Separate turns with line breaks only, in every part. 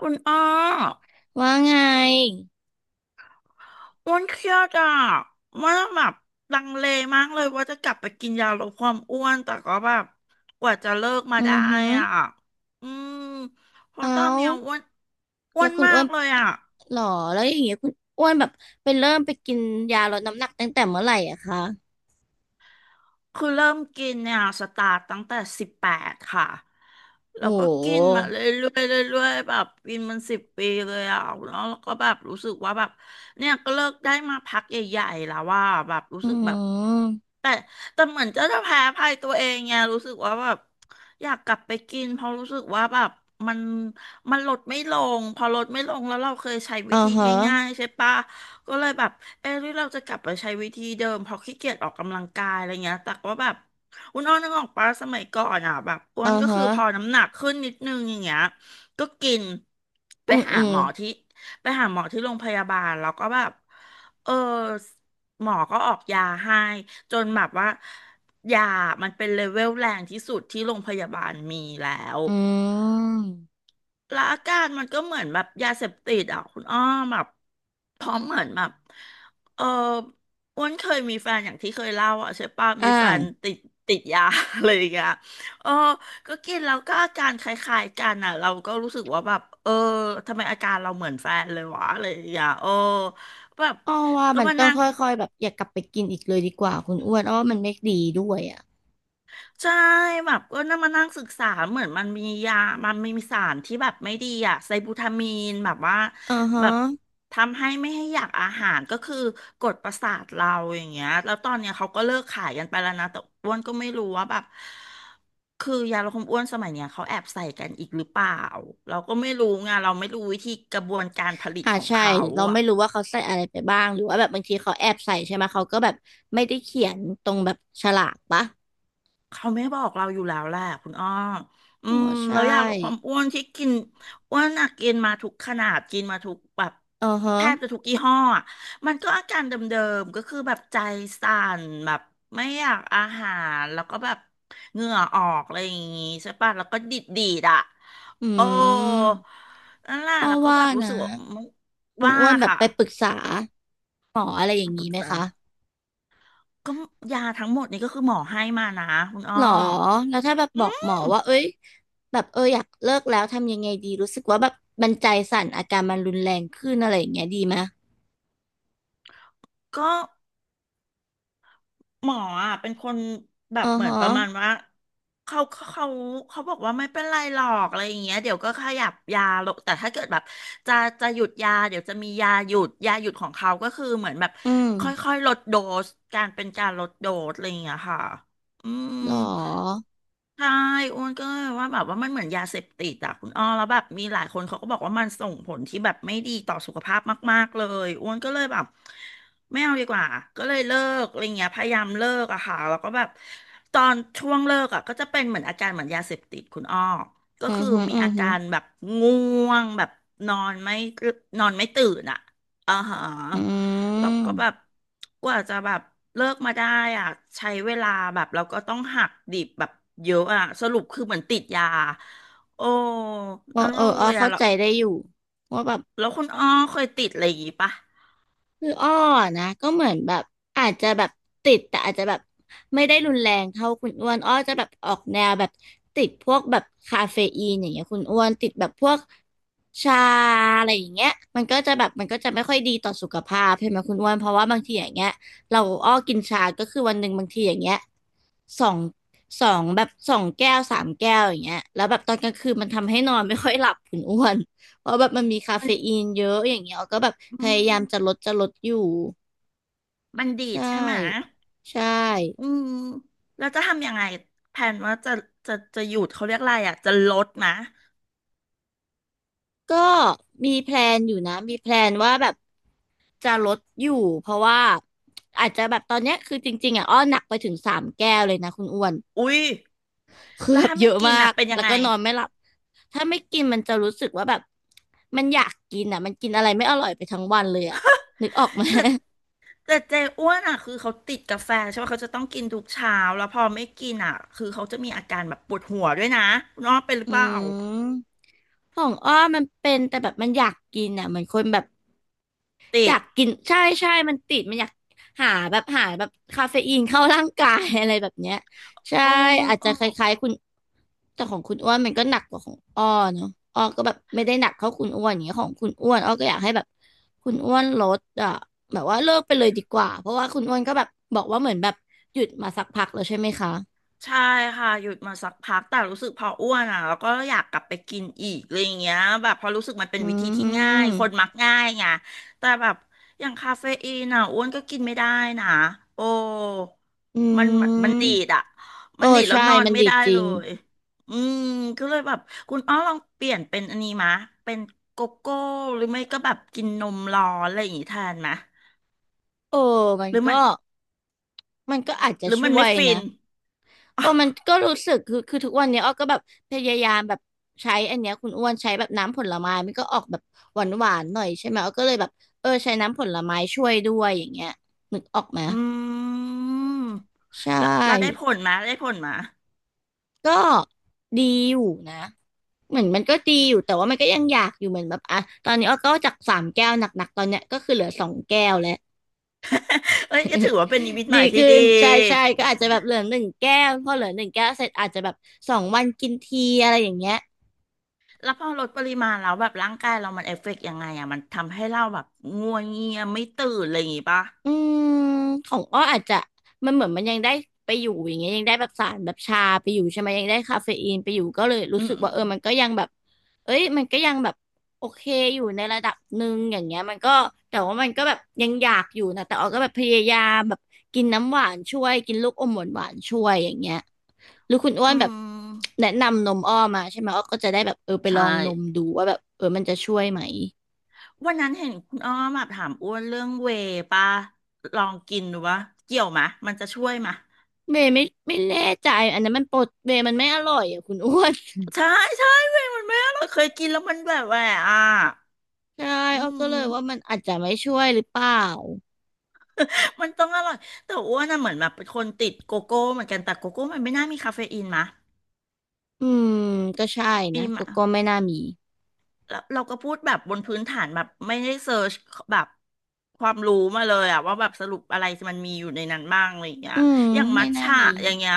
คุณอ้อ
ว่าไง
อ้วนเครียดอ่ะว่าแบบลังเลมากเลยว่าจะกลับไปกินยาลดความอ้วนแต่ก็แบบกว่าจะเลิกมา
อื
ได้
อหือ
อ่ะอืมเพราะ
เอา
ตอนเนี้ยอ้วนอ้
แล้
ว
ว
น
คุณ
มา
อ้ว
ก
น
เลยอ่ะ
หรอแล้วอย่างเงี้ยคุณอ้วนแบบไปเริ่มไปกินยาลดน้ำหนักตั้งแต่เมื่อไหร่อะคะ
คือเริ่มกินเนี่ยสตาร์ตตั้งแต่18ค่ะแล้
โอ้
วก็
โห
กินมาเรื่อยๆเรื่อยๆแบบกินมัน10 ปีเลยอ่ะแล้วก็แบบรู้สึกว่าแบบเนี่ยก็เลิกได้มาพักใหญ่ๆแล้วว่าแบบรู้
อื
สึกแบบ
ม
แต่แต่เหมือนเจะจะแพ้ภัยตัวเองไงรู้สึกว่าแบบอยากกลับไปกินเพราะรู้สึกว่าแบบมันมันลดไม่ลงพอลดไม่ลงแล้วเราเคยใช้วิ
อ่า
ธี
ฮะ
ง่ายๆใช่ปะก็เลยแบบเออหรือเราจะกลับไปใช้วิธีเดิมเพราะขี้เกียจออกกำลังกายอะไรเงี้ยแต่ว่าแบบอุนอ้อนนึกออกปะสมัยก่อนอ่ะแบบอ้ว
อ่า
นก็
ฮะ
คือพอน้ำหนักขึ้นนิดนึงอย่างเงี้ยก็กินไป
อืม
หา
อืม
หมอที่ไปหาหมอที่โรงพยาบาลแล้วก็แบบเออหมอก็ออกยาให้ จนแบบว่ายามันเป็นเลเวลแรงที่สุดที่โรงพยาบาลมีแล้ว
อืม
แล้วอาการมันก็เหมือนแบบยาเสพติดอ่ะคุณอ้อมแบบพร้อมเหมือนแบบเอออ้วนเคยมีแฟนอย่างที่เคยเล่าอ่ะใช่ปะ
อ่
มีแฟน
า
ติดยา อะไรอย่างเงี้ยเออก็กินแล้วก็อาการคล้ายๆกันอ่ะเราก็รู้สึกว่าแบบเออทำไมอาการเราเหมือนแฟนเลยวะอะไรอย่างเงี้ยเออแบบ
อ้อว่า
ก็
มัน
มา
ต้อง
นั่ง
ค่อยๆแบบอย่ากลับไปกินอีกเลยดีกว่าคุณอ้วนอ้อว่ามันไม่ดีด้วยอะ
ใช่แบบก็นั่งมานั่งศึกษาเหมือนมันมียามันมีสารที่แบบไม่ดีอะไซบูทามีนแบบว่า
อ่าฮะ
แบบทำให้ไม่ให้อยากอาหารก็คือกดประสาทเราอย่างเงี้ยแล้วตอนเนี้ยเขาก็เลิกขายกันไปแล้วนะแต่อ้วนก็ไม่รู้ว่าแบบคือยาลดความอ้วนสมัยเนี้ยเขาแอบใส่กันอีกหรือเปล่าเราก็ไม่รู้ไงเราไม่รู้วิธีกระบวนการผลิต
อ่า
ของ
ใช่
เขา
เราไม่รู้ว่าเขาใส่อะไรไปบ้างหรือว่าแบบบางทีเขาแอบใส่ใช่ไหมเขาก็แบบไม่ได้เขียนตรงแบบฉลากปะ
เขาไม่บอกเราอยู่แล้วแหละคุณอ้ออื
อ๋อ
ม
ใช่
แล้วยาลดความอ้วนที่กินอ้วนอะกินมาทุกขนาดกินมาทุกแบบ
อือฮะ
แทบจะทุกยี่ห้ออะมันก็อาการเดิมๆก็คือแบบใจสั่นแบบไม่อยากอาหารแล้วก็แบบเหงื่อออกอะไรอย่างงี้ใช่ปะแล้วก็ดิดดีดอ่ะ
อื
โอ้
ม
นั่นแหละ
อ้อ
แล้วก็
ว่า
แบบรู้
นะ
สึกว่า
คุณ
ว่า
อ้วนแบบ
ค่ะ
ไปปรึกษาหมออะไรอย่าง
ป
นี้
รึก
ไหม
ษา
คะ
ก็ยาทั้งหมดนี้ก็คือหมอให้มานะคุณอ้อ
หรอ แล้วถ้าแบบ
อื
บอกหมอ
ม
ว่าเอ้ยแบบเอออยากเลิกแล้วทำยังไงดีรู้สึกว่าแบบมันใจสั่นอาการมันรุนแรงขึ้นอะไรอย่างเงี้ยดีไหม
ก็ หมออ่ะเป็นคนแบ
อื
บ
อ
เหมือน
ฮะ
ประมาณว่าเขาเขาบอกว่าไม่เป็นไรหรอกอะไรอย่างเงี้ยเดี๋ยวก็ขยับยาลงแต่ถ้าเกิดแบบจะจะหยุดยาเดี๋ยวจะมียาหยุดยาหยุดของเขาก็คือเหมือนแบบ
อืม
ค่อยๆลดโดสการเป็นการลดโดสอะไรอย่างเงี้ยค่ะอืม
หรอ
ใช่อ้วนก็ยว่าแบบว่ามันเหมือนยาเสพติดอะคุณอ้อแล้วแบบมีหลายคนเขาก็บอกว่ามันส่งผลที่แบบไม่ดีต่อสุขภาพมากๆเลยอ้วนก็เลยแบบ ไม่เอาดีกว่าก็เลยเลิกอะไรเงี้ยพยายามเลิกอะค่ะแล้วก็แบบตอนช่วงเลิกอะก็จะเป็นเหมือนอาการเหมือนยาเสพติดคุณอ้อก็
อือ
คือ
ฮึ
มี
อือ
อา
ฮึ
การแบบง่วงแบบนอนไม่นอนไม่ตื่นอะอ่าฮะ
อื
แล้วก็
ม
แบบกว่าจะแบบเลิกมาได้อะใช้เวลาแบบเราก็ต้องหักดิบแบบเยอะอะสรุปคือเหมือนติดยาโอ้
เออ
นั่น
เอ
เล
ออ้อ
ยอะ
เข้า
แล้ว
ใจได้อยู่ว่าแบบ
แล้วคุณอ้อเคยติดอะไรอย่างงี้ปะ
คืออ้อนะก็เหมือนแบบอาจจะแบบติดแต่อาจจะแบบไม่ได้รุนแรงเท่าคุณอ้วนอ้อจะแบบออกแนวแบบติดพวกแบบคาเฟอีนอย่างเงี้ยคุณอ้วนติดแบบพวกชาอะไรอย่างเงี้ยมันก็จะไม่ค่อยดีต่อสุขภาพใช่ไหมคุณอ้วนเพราะว่าบางทีอย่างเงี้ยเราอ้อกินชาก็คือวันหนึ่งบางทีอย่างเงี้ยสองสองแบบสองแก้วสามแก้วอย่างเงี้ยแล้วแบบตอนกลางคืนมันทำให้นอนไม่ค่อยหลับคุณอ้วน เพราะแบบมันมีคา
มั
เฟ
น
อีนเยอะอย่างเงี้ยออยก็แบบพ
อื
ยายามจะล
ม
ดจะลดอยู่
บัณฑิต
ใช่
ใช่ไหม
ใช่
อืมแล้วจะทำยังไงแผนว่าจะจะหยุดเขาเรียกอะไรอ่ะจะลดนะ
ก็มีแพลนอยู่นะมีแพลนว่าแบบจะลดอยู่เพราะว่าอาจจะแบบตอนเนี้ยคือจริงๆอ่ะอ้อหนักไปถึงสามแก้วเลยนะคุณอ้วน
อุ้ย
คือ
แล้ว
แบบ
ถ้า
เย
ไม่
อะ
กิ
มา
นอ่ะ
ก
เป็นยั
แล้
ง
ว
ไง
ก็นอนไม่หลับถ้าไม่กินมันจะรู้สึกว่าแบบมันอยากกินอ่ะมันกินอะไรไม่อร่อยไปทั้งวันเลยอ่ะนึกออกไหม
แต่แต่อ้วนอ่ะคือเขาติดกาแฟใช่ไหม เขาจะต้องกินทุกเช้าแล้วพอไม่กินอ่ะคือเขาจะมีอาการแบบปวดหัวด้วยนะน้องเป็นหรื
อื
อเปล่า
ม ของอ้อมันเป็นแต่แบบมันอยากกินอ่ะเหมือนคนแบบ
ติ
อยา
ด
กกินใช่ใช่มันติดมันอยากหาแบบคาเฟอีนเข้าร่างกาย อะไรแบบเนี้ยใช่
โอ้นึ
อา
ก
จ
อ
จะ
อ
ค
ก
ล้ายๆคุณแต่ของคุณอ้วนมันก็หนักกว่าของอ้อเนาะอ้อก็แบบไม่ได้หนักเท่าคุณอ้วนอย่างเงี้ยของคุณอ้วนอ้อก็อยากให้แบบคุณอ้วนลดอ่ะแบบว่าเลิกไปเลยดีกว่าเพราะว่าคุณอ้วนก็แบบบอกว่าเหมือนแบบหยุดมาสักพักแล้วใช่ไหมคะ
ใช่ค่ะหยุดมาสักพักแต่รู้สึกพออ้วนอ่ะแล้วก็อยากกลับไปกินอีกอะไรอย่างเงี้ยแบบพอรู้สึกมันเป็น
อื
วิธีที่ง่าย
ม
คนมักง่ายไงแต่แบบอย่างคาเฟอีนอ่ะอ้วนก็กินไม่ได้นะโอ้
อื
มันดี
ม
ดอ่ะ
เอ
มัน
อ
ดีดแล้ว
ใช่
นอน
มัน
ไม่
ดี
ได้
จ
เล
ริง
ยอืมก็เลยแบบคุณอ้อลองเปลี่ยนเป็นอันนี้มะเป็นโกโก้หรือไม่ก็แบบกินนมร้อนอะไรอย่างงี้แทนมะ
เออมัน
หรือ
ก็
มัน
มันก็อาจจะ
หรือมัน
ช่ว
ไม่
ย
ฟิ
นะ
น
โอ้มันก็รู้สึกคือคือทุกวันเนี้ยอ้อก็แบบพยายามแบบใช้อันเนี้ยคุณอ้วนใช้แบบน้ำผลไม้มันก็ออกแบบหวานหวานหน่อยใช่ไหมอ้อก็เลยแบบเออใช้น้ำผลไม้ช่วยด้วยอย่างเงี้ยนึกออกไหม
อืม
ใช
แล้วเราได้
่
ผลมาได้ผลมา
ก็ดีอยู่นะเหมือนมันก็ดีอยู่แต่ว่ามันก็ยังอยากอยู่เหมือนแบบอ่ะตอนนี้อ้อก็จากสามแก้วหนักๆตอนเนี้ยก็คือเหลือสองแก้วแล้ว
เอ้ยก็ถือว่าเป็นนิมิต ให
ดี
ม่ที่
ขึ้
ดี
นใช่ใช่ก็อาจจะแบบเหลือหนึ่งแก้วพอเหลือหนึ่งแก้วเสร็จอาจจะแบบสองวันกินทีอะไรอย่างเงี้ย
แล้วพอลดปริมาณแล้วแบบร่างกายเรามันเอฟเฟกต์ยังไงอ่ะมันทำให้เราแบบงัวเงียไม่ตื่นอะไรอย่างงี้ป่ะ
อืมของอ้ออาจจะมันเหมือนมันยังได้ไปอยู่อย่างเงี้ยยังได้แบบสารแบบชาไปอยู่ใช่ไหมยังได้คาเฟอีนไปอยู่ก็เลยรู้
อื
สึก
ม
ว่าเออมันก็ยังแบบเอ้ยมันก็ยังแบบโอเคอยู่ในระดับหนึ่งอย่างเงี้ยมันก็แต่ว่ามันก็แบบยังอยากอยู่นะแต่อ้อก็แบบพยายามแบบกินน้ำหวานช่วยกินลูกอมหวานหวานช่วยอย่างเงี้ยหรือคุณอ้ว
อื
นแบบ
ม
แนะนำนมอ้อมาใช่ไหมอ้อก็จะได้แบบเออไปล
ใช่
องนมดูว่าแบบเออมันจะช่วยไหม
วันนั้นเห็นคุณอ้อมแบบถามอ้วนเรื่องเวย์ป่ะลองกินดูวะเกี่ยวมะมันจะช่วยมะ
เบย์ไม่แน่ใจอันนั้นมันปดเบย์มันไม่อร่อยอ่ะคุณอ้วน
ใช่ใช่เวย์มันไม่อร่อยเคยกินแล้วมันแบบแหวะอ่ะ
ใช่
อื
อ้อก็เล
ม
ยว่ามันอาจจะไม่ช่วยหรือเปล่า
มันต้องอร่อยแต่อ้วนน่ะเหมือนแบบเป็นคนติดโกโก้เหมือนกันแต่โกโก้มันไม่น่ามีคาเฟอีนมะ
อืมก็ใช่นะ
อีม
ก็
อะ
ก็ไม่น่ามี
แล้วเราก็พูดแบบบนพื้นฐานแบบไม่ได้เซิร์ชแบบความรู้มาเลยอะว่าแบบสรุปอะไรมันมีอยู่ในนั้นบ้างอะไรอย่างเงี้ย
อืม
อย่างมั
ไม่
ท
น่า
ฉะ
มี
อย่างเงี้ย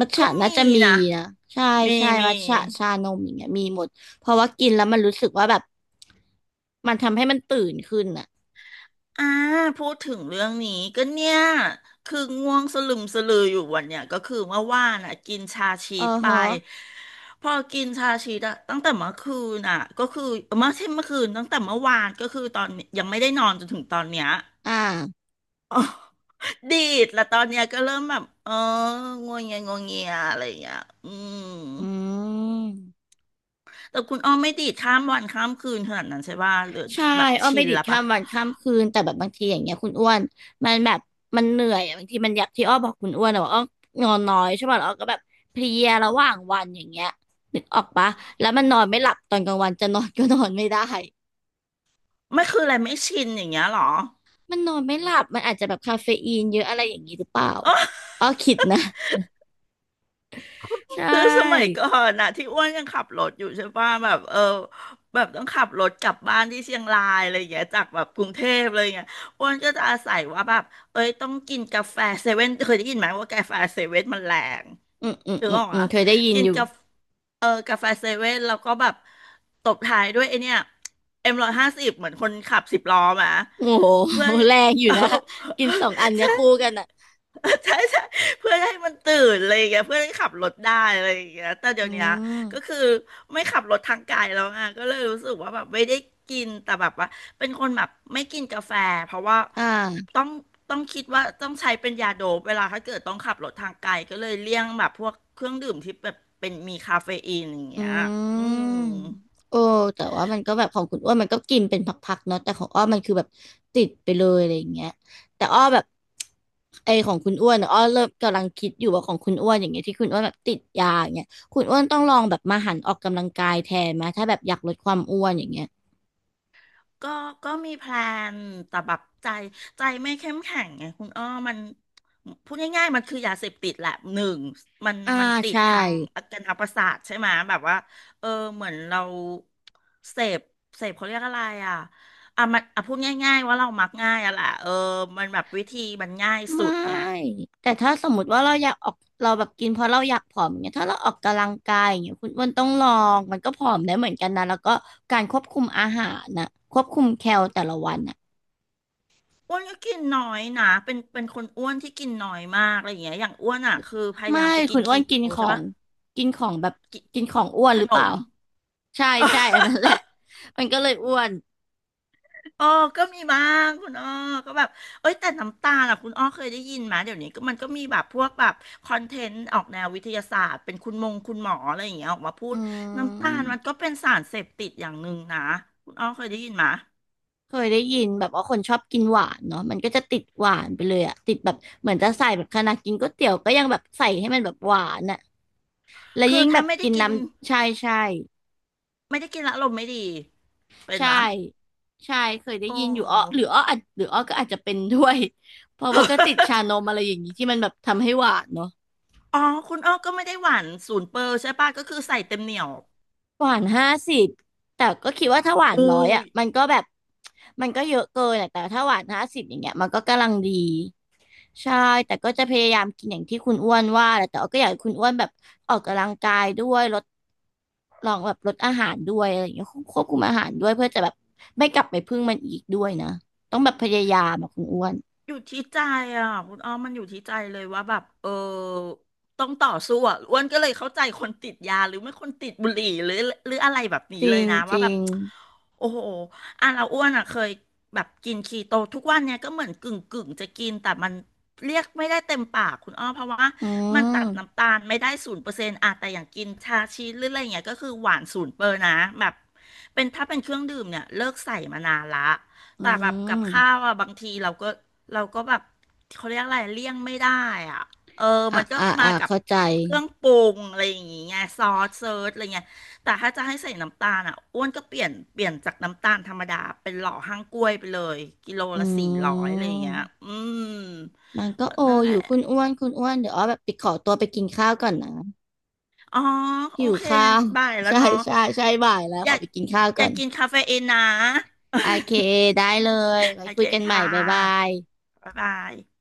มัท
ก็
ฉะน่า
มี
จะมี
นะ
นะใช่
มี
ใช่
มี
มัทฉะชานมอย่างเงี้ยมีหมดเพราะว่ากินแล้วมันรู้สึกว่าแบบมันทำให้มันตื่นขึ้นอ่ะ
อ่าพูดถึงเรื่องนี้ก็เนี่ยคือง่วงสลึมสลืออยู่วันเนี่ยก็คือเมื่อว่านอ่ะกินชาชี
เออ
สไป
ฮะ
พอกินชาชีสอะตั้งแต่เมื่อคืนอ่ะก็คือเมื่อใช่เมื่อคืนตั้งแต่เมื่อวานก็คือตอนนี้ยังไม่ได้นอนจนถึงตอนเนี้ย
อ่า
อ๋อดีดแล้วตอนเนี้ยก็เริ่มแบบเอองวงเงียงวงเงียอะไรอย่างเงี้ยอืม
อืม
แต่คุณอ้อมไม่ดีดข้ามวันข้ามคืนขนาดนั้นใช่ป่ะหรือ
ใช่
แบบ
อ้อน
ชิ
ไป
น
ดิด
แล้ว
ข้า
ป่ะ
มวันข้ามคืนแต่แบบบางทีอย่างเงี้ยคุณอ้วนมันแบบมันเหนื่อยอะบางทีมันอยากที่อ้อบอกคุณอ้วนอะว่าอ้อนอนน้อยใช่ป่ะแล้วอ้อก็แบบเพลียระหว่างวันอย่างเงี้ยนึกออกปะแล้วมันนอนไม่หลับตอนกลางวันจะนอนก็นอนไม่ได้
ไม่คืออะไรไม่ชินอย่างเงี้ยเหรอ
มันนอนไม่หลับมันอาจจะแบบคาเฟอีนเยอะอะไรอย่างงี้หรือเปล่าอ้อคิดนะใช
คือสมัย
่
ก่อนน่ะที่อ้วนยังขับรถอยู่ใช่ป่ะแบบเออแบบต้องขับรถกลับบ้านที่เชียงรายอะไรอย่างเงี้ยจากแบบกรุงเทพเลยางเงี้ยอ้วนก็จะอาศัยว่าแบบเอ้ยต้องกินกาแฟเซเว่นเคยได้ยินไหมว่ากาแฟเซเว่นมันแรง
อืมอืม
ถือ
อืม
ออก
อืม
อ่ะ
เคยได้ยิน
กิน
อยู่
กาแฟเออกาแฟเซเว่นแล้วก็แบบตบท้ายด้วยไอเนี้ยM150เหมือนคนขับสิบล้อมา
โอ้โ
เพื่อ
หแรงอยู่นะกินสองอัน เนี้ย
ใช่
คู่กันอ่ะ
ใช่ใช่เพื่อให้มันตื่นอะไรอย่างเงี้ยเพื่อให้ขับรถได้อะไรอย่างเงี้ยแต่เดี๋
อื
ยวเนี้ย
ม
ก็คือไม่ขับรถทางไกลแล้วไงก็เลยรู้สึกว่าแบบไม่ได้กินแต่แบบว่าเป็นคนแบบไม่กินกาแฟเพราะว่า
อ่า
ต้องต้องคิดว่าต้องใช้เป็นยาโดปเวลาถ้าเกิดต้องขับรถทางไกลก็เลยเลี่ยงแบบพวกเครื่องดื่มที่แบบเป็นมีคาเฟอีนอย่าง
อื
เงี้ย
ม
อืม
โอ้แต่ว่ามันก็แบบของคุณอ้วนมันก็กินเป็นพักๆเนาะแต่ของอ้อมันคือแบบติดไปเลยอะไรอย่างเงี้ยแต่อ้อแบบไอของคุณอ้วนอะอ้อเริ่มกำลังคิดอยู่ว่าของคุณอ้วนอย่างเงี้ยที่คุณอ้วนแบบติดยาอย่างเงี้ยคุณอ้วนต้องลองแบบมาหันออกกำลังกายแทนไหมถ้าแบบอยากลดความอ้วนอย่างเงี้ย
ก็ก็มีแพลนแต่แบบใจไม่เข้มแข็งไงคุณอ้อมัน พูดง่ายๆมันคือยาเสพติดแหละ หนึ่ง มัน
อ่า
มันติด
ใช่
ทางอาการทางประสาทใช่ไหม แบบว่า เออ เหมือนเราเสพเสพเขาเรียกอะไรอ่ะมันพูดง่ายๆว่าเรามักง่ายอ่ะแหละเออมันแบบวิธีมันง่ายสุ
ไม่
ดไง
แต่ถ้าสมมติว่าเราอยากออกเราแบบกินเพราะเราอยากผอมอย่างเงี้ยถ้าเราออกกำลังกายอย่างเงี้ยคุณอ้วนต้องลองมันก็ผอมได้เหมือนกันนะแล้วก็การควบคุมอาหารนะควบคุมแคลแต่ละวันน่ะ
อ้วนก็กินน้อยนะ เป็นคนอ้วนที่กินน้อยมากอะไรอย่างเงี้ยอย่างอ้วนอ่ะคือพยา
ไม่
ยามจะกิ
คุ
น
ณอ้ว
คี
น
โต
กินขอ
ใช่
ง
ปะ
กินของแบบ
กิน
กินของอ้วน
ข
หรือ
น
เปล่า
ม
ใช่ใช่อันนั้นแห ละมันก็เลยอ้วน
เอ้อก็มีบ้างคุณอ้อก็แบบเอ้ยแต่น้ำตาลอ่ะคุณอ้อเคยได้ยินไหมเดี๋ยวนี้ก็มันก็มีแบบพวกแบบคอนเทนต์ออกแนววิทยาศาสตร์เป็นคุณมงคุณหมออะไรอย่างเงี้ยออกมาพู
อื
ดน้ำตาลมันก็
ม
เป็นสารเสพติดอย่างหนึ่งนะคุณอ้อเคยได้ยินไหม
เคยได้ยินแบบว่าคนชอบกินหวานเนาะมันก็จะติดหวานไปเลยอะติดแบบเหมือนจะใส่แบบขนาดกินก๋วยเตี๋ยวก็ยังแบบใส่ให้มันแบบหวานอะ และ
คือ
ยิ่งแบ
ถ้า
บ
ไม่ได้
กิน
กิ
น้
น
ำใช่ใช่
ไม่ได้กินและอารมณ์ไม่ดีเป็น
ใช่
ไหม
ใช่เคยได้
โอ้
ยินอยู่อ้อหรืออ้ออาจหรืออ้อก็อาจจะเป็นด้วยเพราะว่าก็ติดชาน มอะไรอย่างนี้ที่มันแบบทำให้หวานเนาะ
อ๋อคุณอ้อก็ไม่ได้หวานศูนย์เปอร์ใช่ป่ะก็คือใส่เต็มเหนียว
หวานห้าสิบแต่ก็คิดว่าถ้าหวาน
อู้
ร้อยอ่ะมันก็แบบมันก็เยอะเกินอะแต่ถ้าหวานห้าสิบอย่างเงี้ยมันก็กำลังดีใช่แต่ก็จะพยายามกินอย่างที่คุณอ้วนว่าแหละแต่อก็อยากให้คุณอ้วนแบบออกกำลังกายด้วยลดลองแบบลดอาหารด้วยอะไรอย่างเงี้ยควบคุมอาหารด้วยเพื่อจะแบบไม่กลับไปพึ่งมันอีกด้วยนะต้องแบบพยายามอะคุณอ้วน
อยู่ที่ใจอ่ะคุณอ้อมมันอยู่ที่ใจเลยว่าแบบเออต้องต่อสู้อ่ะอ้วนก็เลยเข้าใจคนติดยาหรือไม่คนติดบุหรี่หรืออะไรแบบ
จ
นี้
ริ
เลย
ง
นะ
จ
ว่า
ริ
แบบ
ง
โอ้โหอ่ะเราอ้วนอ่ะเคยแบบกินคีโตทุกวันเนี่ยก็เหมือนกึ่งกึ่งจะกินแต่มันเรียกไม่ได้เต็มปากคุณอ้อเพราะว่า
อื
มันตัด
ม
น้ำตาลไม่ได้0%อะแต่อย่างกินชาชีสหรืออะไรอย่างเงี้ยก็คือหวานศูนย์เปอร์นะแบบเป็นถ้าเป็นเครื่องดื่มเนี่ยเลิกใส่มานานละ
อื
แต่แบบกับข้าว
ม
อ่ะบางทีเราก็แบบเขาเรียกอะไรเลี่ยงไม่ได้อ่ะเออ
อ่ะ
มันก็
อ่ะ
มา
อ่ะ
กับ
เข้าใจ
เครื่องปรุงอะไรอย่างงี้ไงซอสเซิร์ชอะไรเงี้ยแต่ถ้าจะให้ใส่น้ำตาลอ่ะอ้วนก็เปลี่ยนจากน้ำตาลธรรมดาเป็นหล่อห้างกล้วยไปเลยกิโล
อ
ละสี่
ื
ร้อยอะไรอย่างเงี้ย
ม
อืม
มันก็
ก็
โอ
นั่นแห
อ
ละ
ยู่คุณอ้วนคุณอ้วนเดี๋ยวอ้อแบบไปขอตัวไปกินข้าวก่อนนะ
อ๋อโอ
หิว
เค
ข้าว
บ่าย แล้ว
ใช่
เนาะ
ใช่ใช่บ่ายแล้ว
อ
ข
ยา
อ
ก
ไปกินข้าว
อ
ก่อ
ยาก
น
กินคาเฟอีนนะ
โอเค ได้เลยไว้
โอ
คุ
เค
ยกันใหม่
ค่
บ๊ายบา
ะ
ย
บ๊ายบาย